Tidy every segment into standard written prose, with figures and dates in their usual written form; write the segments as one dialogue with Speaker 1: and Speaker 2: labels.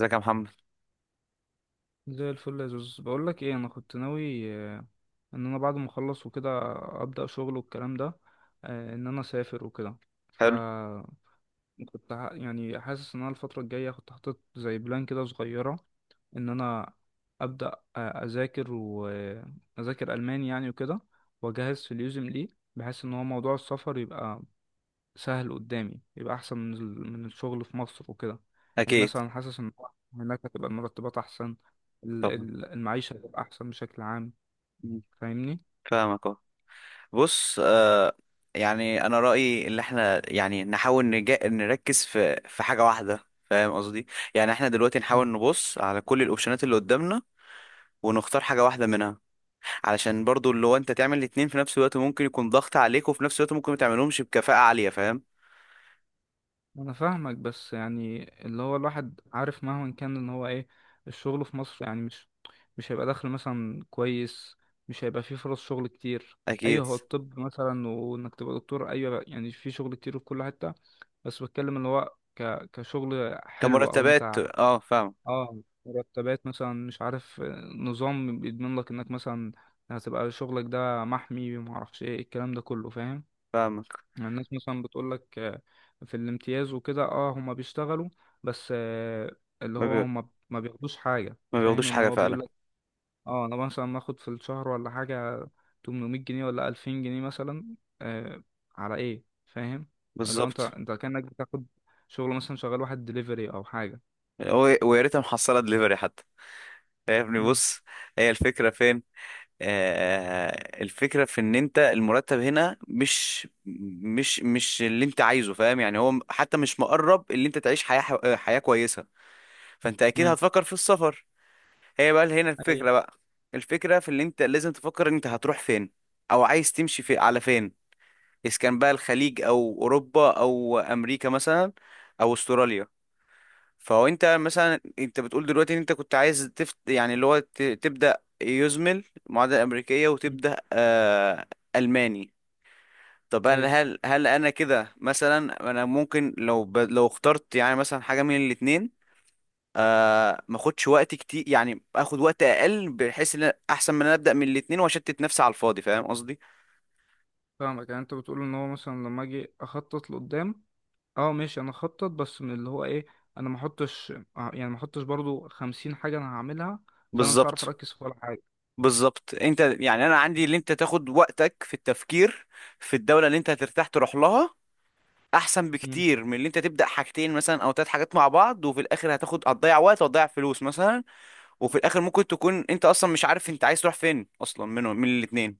Speaker 1: ازيك يا محمد؟
Speaker 2: زي الفل يا زوز، بقول لك ايه، انا كنت ناوي ان انا بعد ما اخلص وكده ابدا شغل والكلام ده. ان انا اسافر وكده. ف
Speaker 1: حلو.
Speaker 2: كنت يعني حاسس ان انا الفتره الجايه كنت حاطط زي بلان كده صغيره، ان انا ابدا، اذاكر واذاكر الماني يعني وكده، واجهز في اليوزم ليه، بحيث ان هو موضوع السفر يبقى سهل قدامي، يبقى احسن من من الشغل في مصر وكده. يعني
Speaker 1: اكيد.
Speaker 2: مثلا حاسس ان هناك هتبقى المرتبات احسن،
Speaker 1: طبعا.
Speaker 2: المعيشة هتبقى احسن بشكل عام.
Speaker 1: مم.
Speaker 2: فاهمني؟
Speaker 1: فاهمك اهو. بص، يعني انا رايي اللي احنا يعني نحاول نركز في حاجه واحده. فاهم قصدي؟ يعني احنا دلوقتي
Speaker 2: مم.
Speaker 1: نحاول نبص على كل الاوبشنات اللي قدامنا ونختار حاجه واحده منها، علشان برضو اللي هو انت تعمل الاتنين في نفس الوقت ممكن يكون ضغط عليك وفي نفس الوقت ممكن ما تعملهمش بكفاءه عاليه. فاهم؟
Speaker 2: انا فاهمك، بس يعني اللي هو الواحد عارف مهما كان ان هو ايه، الشغل في مصر يعني مش هيبقى دخل مثلا كويس، مش هيبقى فيه فرص شغل كتير.
Speaker 1: اكيد.
Speaker 2: ايوه، هو الطب مثلا، وانك تبقى دكتور، ايوه يعني في شغل كتير في كل حتة، بس بتكلم اللي هو كشغل حلو او
Speaker 1: كمرتبات،
Speaker 2: انت.
Speaker 1: فاهم.
Speaker 2: اه، مرتبات مثلا، مش عارف نظام بيضمن لك انك مثلا هتبقى شغلك ده محمي، وما اعرفش ايه الكلام ده كله، فاهم؟
Speaker 1: فاهمك.
Speaker 2: يعني الناس مثلا بتقول لك في الامتياز وكده، اه هما بيشتغلوا بس اللي
Speaker 1: ما,
Speaker 2: هو
Speaker 1: بي...
Speaker 2: هما ما بياخدوش حاجة،
Speaker 1: ما
Speaker 2: فاهم
Speaker 1: بياخدوش
Speaker 2: ان
Speaker 1: حاجه
Speaker 2: هو بيقول
Speaker 1: فعلا.
Speaker 2: لك اه انا مثلا باخد في الشهر ولا حاجة 800 جنيه ولا 2000 جنيه مثلا، آه، على ايه؟ فاهم؟ اللي هو انت
Speaker 1: بالظبط.
Speaker 2: انت كأنك بتاخد شغل، مثلا شغال واحد دليفري او حاجة.
Speaker 1: ويا ريتها محصله دليفري حتى. يا ابني،
Speaker 2: مم.
Speaker 1: بص. هي الفكرة فين؟ الفكرة في ان انت المرتب هنا مش اللي انت عايزه. فاهم؟ يعني هو حتى مش مقرب اللي انت تعيش حياة كويسة. فانت اكيد
Speaker 2: مم.
Speaker 1: هتفكر في السفر. هي بقى هنا
Speaker 2: ايوه،
Speaker 1: الفكرة بقى. الفكرة في اللي انت لازم تفكر انت هتروح فين؟ او عايز تمشي في على فين؟ اذا كان بقى الخليج او اوروبا او امريكا مثلا، او استراليا. فهو انت مثلا انت بتقول دلوقتي ان انت كنت عايز تفت، يعني اللي هو تبدأ يزمل معادلة أمريكية، وتبدأ ألماني. طب انا
Speaker 2: ايوه،
Speaker 1: هل انا كده مثلا انا ممكن لو اخترت يعني مثلا حاجة من الاتنين، ما اخدش وقت كتير، يعني اخد وقت اقل بحيث ان احسن من انا ابدأ من الاتنين واشتت نفسي على الفاضي. فاهم قصدي؟
Speaker 2: فاهمك. يعني انت بتقول ان هو مثلا لما اجي اخطط لقدام، اه ماشي انا اخطط بس من اللي هو ايه، انا ما احطش يعني ما احطش برضو 50 حاجة انا هعملها، فانا مش هعرف
Speaker 1: بالظبط،
Speaker 2: اركز في ولا حاجة.
Speaker 1: بالظبط. انت يعني انا عندي اللي انت تاخد وقتك في التفكير في الدولة اللي انت هترتاح تروح لها، احسن
Speaker 2: مم.
Speaker 1: بكتير من اللي انت تبدا حاجتين مثلا او ثلاث حاجات مع بعض وفي الاخر هتاخد هتضيع وقت وهتضيع فلوس مثلا. وفي الاخر ممكن تكون انت اصلا مش عارف انت عايز تروح فين اصلا منهم من الاثنين،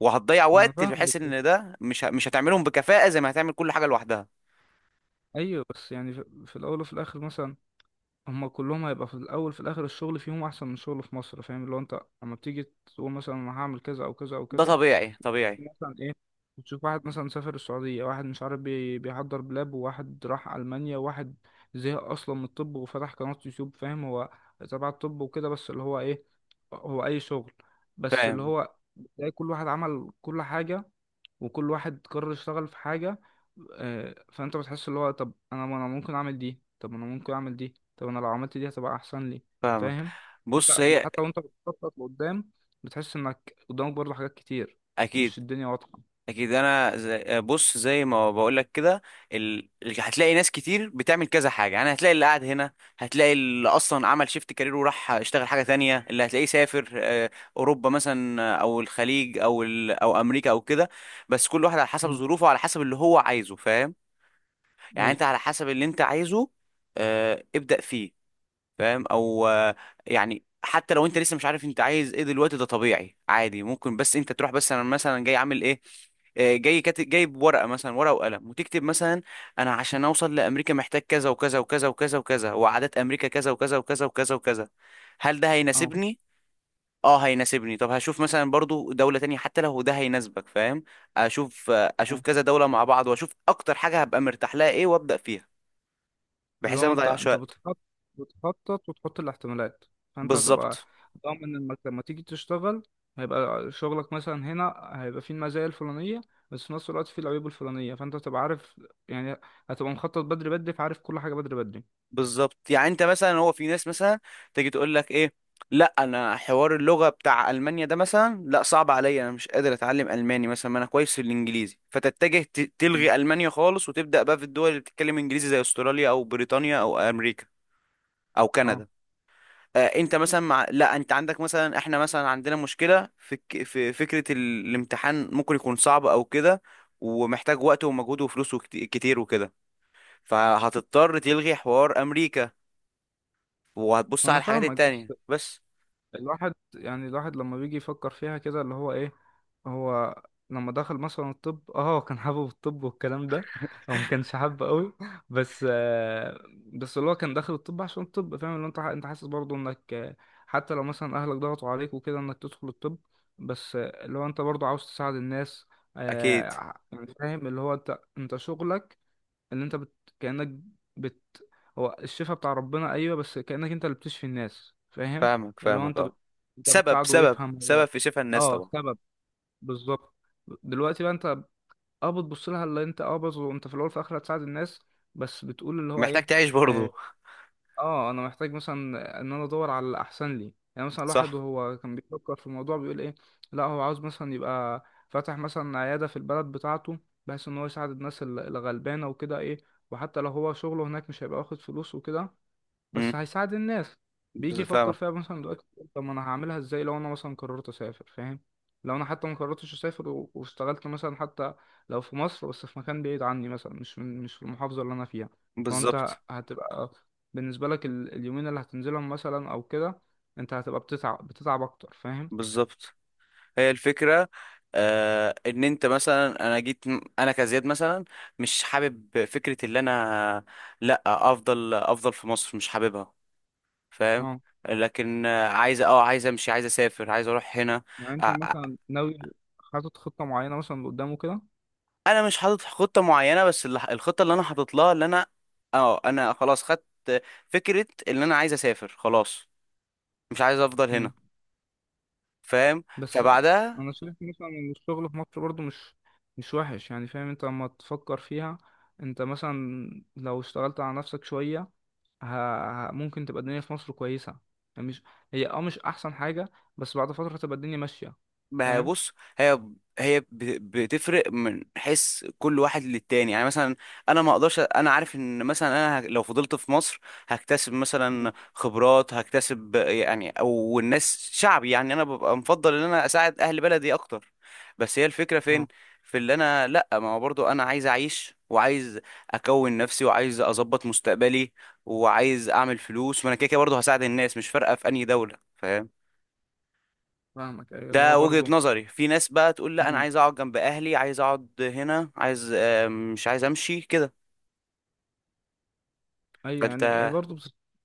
Speaker 1: وهتضيع
Speaker 2: ما انا
Speaker 1: وقت
Speaker 2: فاهمك.
Speaker 1: بحيث ان ده مش هتعملهم بكفاءة زي ما هتعمل كل حاجة لوحدها.
Speaker 2: ايوه بس يعني في الاول وفي الاخر مثلا، هما كلهم هيبقى في الاول في الاخر الشغل فيهم احسن من شغل في مصر. فاهم؟ اللي هو انت لما بتيجي تقول مثلا انا هعمل كذا او كذا او
Speaker 1: ده
Speaker 2: كذا،
Speaker 1: طبيعي، طبيعي.
Speaker 2: مثلا ايه، بتشوف واحد مثلا سافر السعودية، واحد مش عارف بيحضر بلاب، وواحد راح ألمانيا، وواحد زهق أصلا من الطب وفتح قناة يوتيوب. فاهم؟ هو تبع الطب وكده، بس اللي هو ايه، هو أي شغل، بس اللي
Speaker 1: فاهم؟
Speaker 2: هو تلاقي كل واحد عمل كل حاجة، وكل واحد قرر يشتغل في حاجة. فأنت بتحس اللي هو، طب أنا ممكن أعمل دي، طب أنا ممكن أعمل دي، طب أنا لو عملت دي هتبقى أحسن لي.
Speaker 1: فاهمك.
Speaker 2: فاهم؟ أنت
Speaker 1: بص.
Speaker 2: أنت
Speaker 1: هي.
Speaker 2: حتى وأنت بتخطط لقدام بتحس إنك قدامك برضه حاجات كتير،
Speaker 1: اكيد،
Speaker 2: مش الدنيا واضحة.
Speaker 1: اكيد. انا زي بص زي ما بقول لك كده. هتلاقي ناس كتير بتعمل كذا حاجه، يعني هتلاقي اللي قاعد هنا، هتلاقي اللي اصلا عمل شيفت كارير وراح اشتغل حاجه تانية، اللي هتلاقيه سافر اوروبا مثلا، او الخليج او او امريكا او كده. بس كل واحد على حسب
Speaker 2: مم.
Speaker 1: ظروفه وعلى حسب اللي هو عايزه. فاهم؟ يعني
Speaker 2: اي.
Speaker 1: انت على حسب اللي انت عايزه، ابدأ فيه. فاهم؟ او يعني حتى لو انت لسه مش عارف انت عايز ايه دلوقتي، ده طبيعي عادي، ممكن بس انت تروح. بس انا مثلا جاي عامل ايه؟ جاي كاتب جايب ورقه مثلا، ورقه وقلم وتكتب مثلا. انا عشان اوصل لامريكا محتاج كذا وكذا وكذا وكذا وكذا، وعادات امريكا كذا وكذا وكذا وكذا وكذا. هل ده
Speaker 2: اه،
Speaker 1: هيناسبني؟ اه هيناسبني. طب هشوف مثلا برضو دولة تانية حتى لو ده هيناسبك. فاهم؟ اشوف
Speaker 2: اه،
Speaker 1: كذا دولة مع بعض واشوف اكتر حاجة هبقى مرتاح لها ايه وابدأ فيها.
Speaker 2: اللي
Speaker 1: بحيث
Speaker 2: هو
Speaker 1: أنا ما
Speaker 2: انت
Speaker 1: اضيعش
Speaker 2: انت
Speaker 1: وقت.
Speaker 2: بتخطط بتخطط وتحط الاحتمالات، فانت هتبقى
Speaker 1: بالظبط،
Speaker 2: ضامن انك لما تيجي تشتغل هيبقى شغلك مثلا هنا، هيبقى فيه المزايا الفلانية، بس في نفس الوقت فيه العيوب الفلانية، فانت هتبقى عارف يعني، هتبقى مخطط بدري بدري، فعارف كل حاجة بدري بدري.
Speaker 1: بالظبط. يعني انت مثلا هو في ناس مثلا تيجي تقول لك ايه، لا انا حوار اللغه بتاع المانيا ده مثلا، لا صعب عليا، انا مش قادر اتعلم الماني مثلا، ما انا كويس في الانجليزي. فتتجه
Speaker 2: مم.
Speaker 1: تلغي المانيا خالص وتبدا بقى في الدول اللي بتتكلم انجليزي زي استراليا او بريطانيا او امريكا او
Speaker 2: اه،
Speaker 1: كندا. انت مثلا لا انت عندك مثلا، احنا مثلا عندنا مشكله في في فكره الامتحان، ممكن يكون صعب او كده، ومحتاج وقت ومجهود وفلوس كتير وكده. فهتضطر تلغي حوار امريكا وهتبص على
Speaker 2: انا
Speaker 1: الحاجات
Speaker 2: فاهمك،
Speaker 1: التانية
Speaker 2: بس
Speaker 1: بس.
Speaker 2: الواحد يعني، الواحد لما بيجي يفكر فيها كده اللي هو ايه، هو لما دخل مثلا الطب، اه هو كان حابب الطب والكلام ده، او ما كانش حابه قوي، بس بس اللي هو كان داخل الطب عشان الطب. فاهم؟ اللي انت انت حاسس برضه انك حتى لو مثلا اهلك ضغطوا عليك وكده انك تدخل الطب، بس اللي هو انت برضه عاوز تساعد الناس.
Speaker 1: اكيد.
Speaker 2: آه، يعني فاهم اللي هو انت شغلك، ان انت كأنك بت هو الشفاء بتاع ربنا، ايوه، بس كأنك انت اللي بتشفي الناس. فاهم؟
Speaker 1: فاهمك،
Speaker 2: اللي هو
Speaker 1: فاهمك،
Speaker 2: انت
Speaker 1: اه.
Speaker 2: انت
Speaker 1: سبب،
Speaker 2: بتساعده
Speaker 1: سبب،
Speaker 2: يفهم
Speaker 1: سبب
Speaker 2: هو.
Speaker 1: في شفا الناس
Speaker 2: اه،
Speaker 1: طبعا.
Speaker 2: سبب، بالظبط. دلوقتي بقى انت اه بتبص لها، اللي انت اه بص، وانت في الاول في الاخر هتساعد الناس، بس بتقول اللي هو
Speaker 1: محتاج
Speaker 2: ايه،
Speaker 1: تعيش
Speaker 2: آه،
Speaker 1: برضه.
Speaker 2: اه انا محتاج مثلا ان انا ادور على الاحسن لي. يعني مثلا الواحد
Speaker 1: صح.
Speaker 2: وهو كان بيفكر في الموضوع بيقول ايه، لا هو عاوز مثلا يبقى فاتح مثلا عياده في البلد بتاعته، بحيث ان هو يساعد الناس الغلبانه وكده ايه، وحتى لو هو شغله هناك مش هيبقى واخد فلوس وكده، بس
Speaker 1: امم
Speaker 2: هيساعد الناس. بيجي يفكر
Speaker 1: فاهمك.
Speaker 2: فيها مثلا دلوقتي، يقول طب ما انا هعملها ازاي لو انا مثلا قررت اسافر؟ فاهم؟ لو انا حتى ما قررتش اسافر واشتغلت مثلا حتى لو في مصر، بس في مكان بعيد عني مثلا، مش من مش في المحافظة اللي انا فيها، فانت
Speaker 1: بالظبط،
Speaker 2: هتبقى بالنسبة لك اليومين اللي هتنزلهم مثلا او كده، انت هتبقى بتتعب بتتعب اكتر. فاهم؟
Speaker 1: بالظبط. هي الفكرة، ان انت مثلا انا جيت، انا كزياد مثلا مش حابب فكرة اللي انا لا افضل في مصر، مش حاببها. فاهم؟
Speaker 2: اه.
Speaker 1: لكن عايز عايز امشي، عايز اسافر، عايز اروح هنا.
Speaker 2: يعني انت مثلا ناوي، حاطط خطة معينة مثلا قدامه كده،
Speaker 1: انا مش حاطط خطه معينه، بس الخطه اللي انا حاطط لها اللي انا، اه انا خلاص خدت فكره ان انا عايز اسافر خلاص، مش عايز افضل هنا. فاهم؟
Speaker 2: بس
Speaker 1: فبعدها.
Speaker 2: انا شايف مثلا ان الشغل في مصر برضو مش وحش يعني. فاهم انت لما تفكر فيها، انت مثلا لو اشتغلت على نفسك شوية، ه... ممكن تبقى الدنيا في مصر كويسة، يعني مش، هي اه مش احسن حاجة، بس بعد فترة تبقى الدنيا ماشية.
Speaker 1: ما هي
Speaker 2: فاهم؟
Speaker 1: بص. هي هي بتفرق من حيث كل واحد للتاني. يعني مثلا انا ما اقدرش. انا عارف ان مثلا انا لو فضلت في مصر هكتسب
Speaker 2: مم.
Speaker 1: مثلا خبرات هكتسب، يعني او الناس شعبي، يعني انا ببقى مفضل ان انا اساعد اهل بلدي اكتر. بس هي الفكرة فين؟
Speaker 2: اه،
Speaker 1: في اللي انا لا، ما هو برضو انا عايز اعيش وعايز اكون نفسي وعايز اظبط مستقبلي وعايز اعمل فلوس. وانا كده كده برضو هساعد الناس، مش فارقة في انهي دولة. فاهم؟
Speaker 2: فاهمك. ايوه اللي هو
Speaker 1: ده وجهة
Speaker 2: برضو.
Speaker 1: نظري. في ناس بقى تقول لا انا
Speaker 2: مم.
Speaker 1: عايز اقعد جنب اهلي، عايز اقعد هنا، عايز مش عايز امشي كده.
Speaker 2: ايوه يعني
Speaker 1: فانت.
Speaker 2: برضو، بس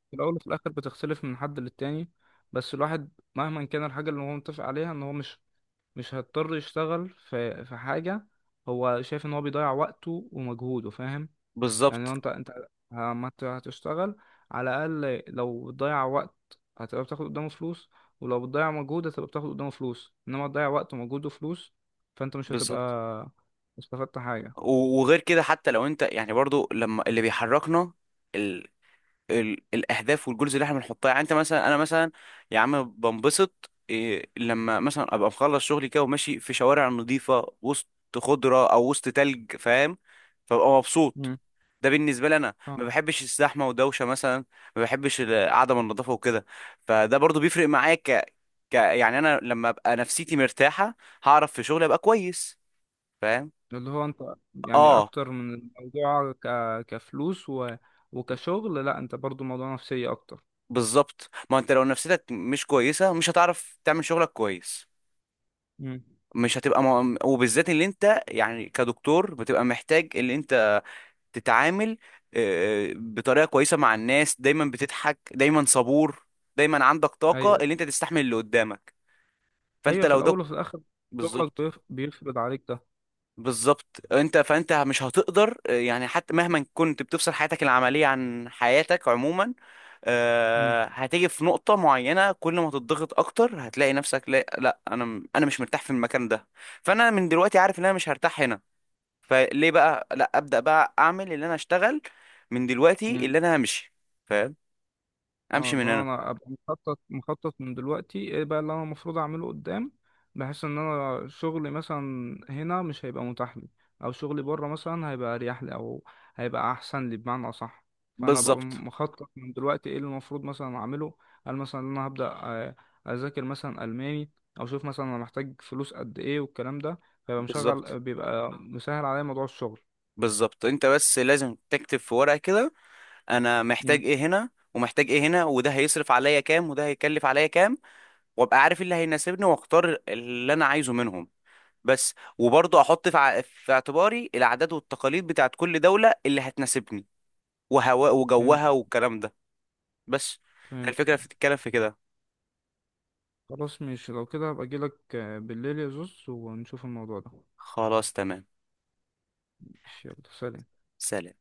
Speaker 2: في الاول وفي الاخر بتختلف من حد للتاني، بس الواحد مهما كان الحاجة اللي هو متفق عليها ان هو مش هيضطر يشتغل في حاجة هو شايف ان هو بيضيع وقته ومجهوده. فاهم؟ يعني لو
Speaker 1: بالظبط،
Speaker 2: انت لما هتشتغل، على الأقل لو بتضيع وقت هتبقى بتاخد قدامه فلوس، ولو بتضيع مجهود هتبقى بتاخد قدامه فلوس، انما تضيع وقت ومجهود وفلوس، فانت مش هتبقى
Speaker 1: بالظبط.
Speaker 2: استفدت حاجة.
Speaker 1: وغير كده حتى لو انت يعني برضو لما اللي بيحركنا، الاهداف والجولز اللي احنا بنحطها، يعني انت مثلا، انا مثلا، يا عم بنبسط إيه لما مثلا ابقى مخلص شغلي كده وماشي في شوارع نظيفه، وسط خضره او وسط تلج. فاهم؟ فببقى مبسوط.
Speaker 2: مم.
Speaker 1: ده بالنسبه لي، انا ما
Speaker 2: فاهم.
Speaker 1: بحبش الزحمه ودوشه مثلا. ما بحبش عدم النظافه وكده. فده برضو بيفرق معايا، ك... ك يعني انا لما ابقى نفسيتي مرتاحه هعرف في شغلي ابقى كويس. فاهم؟
Speaker 2: اللي هو انت يعني
Speaker 1: اه.
Speaker 2: اكتر من الموضوع كفلوس وكشغل، لا، انت برضو موضوع نفسية اكتر.
Speaker 1: بالظبط، ما انت لو نفسيتك مش كويسه مش هتعرف تعمل شغلك كويس.
Speaker 2: مم.
Speaker 1: مش هتبقى وبالذات اللي انت يعني كدكتور بتبقى محتاج اللي انت تتعامل بطريقة كويسة مع الناس، دايما بتضحك، دايما صبور، دايما عندك طاقة
Speaker 2: ايوه،
Speaker 1: اللي انت تستحمل اللي قدامك. فانت
Speaker 2: ايوه، في
Speaker 1: لو ده.
Speaker 2: الاول وفي الاخر شغلك
Speaker 1: بالظبط،
Speaker 2: بيفرض عليك ده.
Speaker 1: بالظبط. انت فانت مش هتقدر، يعني حتى مهما كنت بتفصل حياتك العملية عن حياتك عموما،
Speaker 2: مم.
Speaker 1: هتيجي في نقطة معينة كل ما تضغط أكتر هتلاقي نفسك لا, لا، أنا مش مرتاح في المكان ده. فأنا من دلوقتي عارف إن أنا مش هرتاح هنا. فليه بقى لا ابدا بقى اعمل اللي انا اشتغل من دلوقتي
Speaker 2: مم.
Speaker 1: اللي انا همشي؟ فاهم؟
Speaker 2: اه،
Speaker 1: امشي من
Speaker 2: لو
Speaker 1: هنا.
Speaker 2: انا ابقى مخطط مخطط من دلوقتي، ايه بقى اللي انا المفروض اعمله قدام، بحيث ان انا شغلي مثلا هنا مش هيبقى متاح لي، او شغلي بره مثلا هيبقى اريح لي، او هيبقى احسن لي بمعنى اصح، فانا ابقى
Speaker 1: بالظبط،
Speaker 2: مخطط من دلوقتي ايه اللي المفروض مثلا اعمله. هل مثلا إن انا هبدا اذاكر مثلا الماني، او اشوف مثلا انا محتاج فلوس قد ايه والكلام ده؟ فيبقى
Speaker 1: بالظبط،
Speaker 2: مشغل بيبقى مسهل عليا موضوع الشغل.
Speaker 1: بالظبط. انت بس لازم تكتب في ورقه كده، انا
Speaker 2: مم.
Speaker 1: محتاج ايه هنا ومحتاج ايه هنا، وده هيصرف عليا كام وده هيكلف عليا كام. وابقى عارف إيه اللي هيناسبني واختار اللي انا عايزه منهم. بس وبرضه احط في اعتباري العادات والتقاليد بتاعت كل دوله اللي هتناسبني، وهواء
Speaker 2: فاهم.
Speaker 1: وجوها والكلام ده. بس.
Speaker 2: فهمت.
Speaker 1: الفكره بتتكلم في كده.
Speaker 2: خلاص ماشي، لو كده هبقى اجيلك بالليل يا زوز، ونشوف الموضوع ده.
Speaker 1: خلاص تمام.
Speaker 2: ماشي، يلا سلام.
Speaker 1: سلام.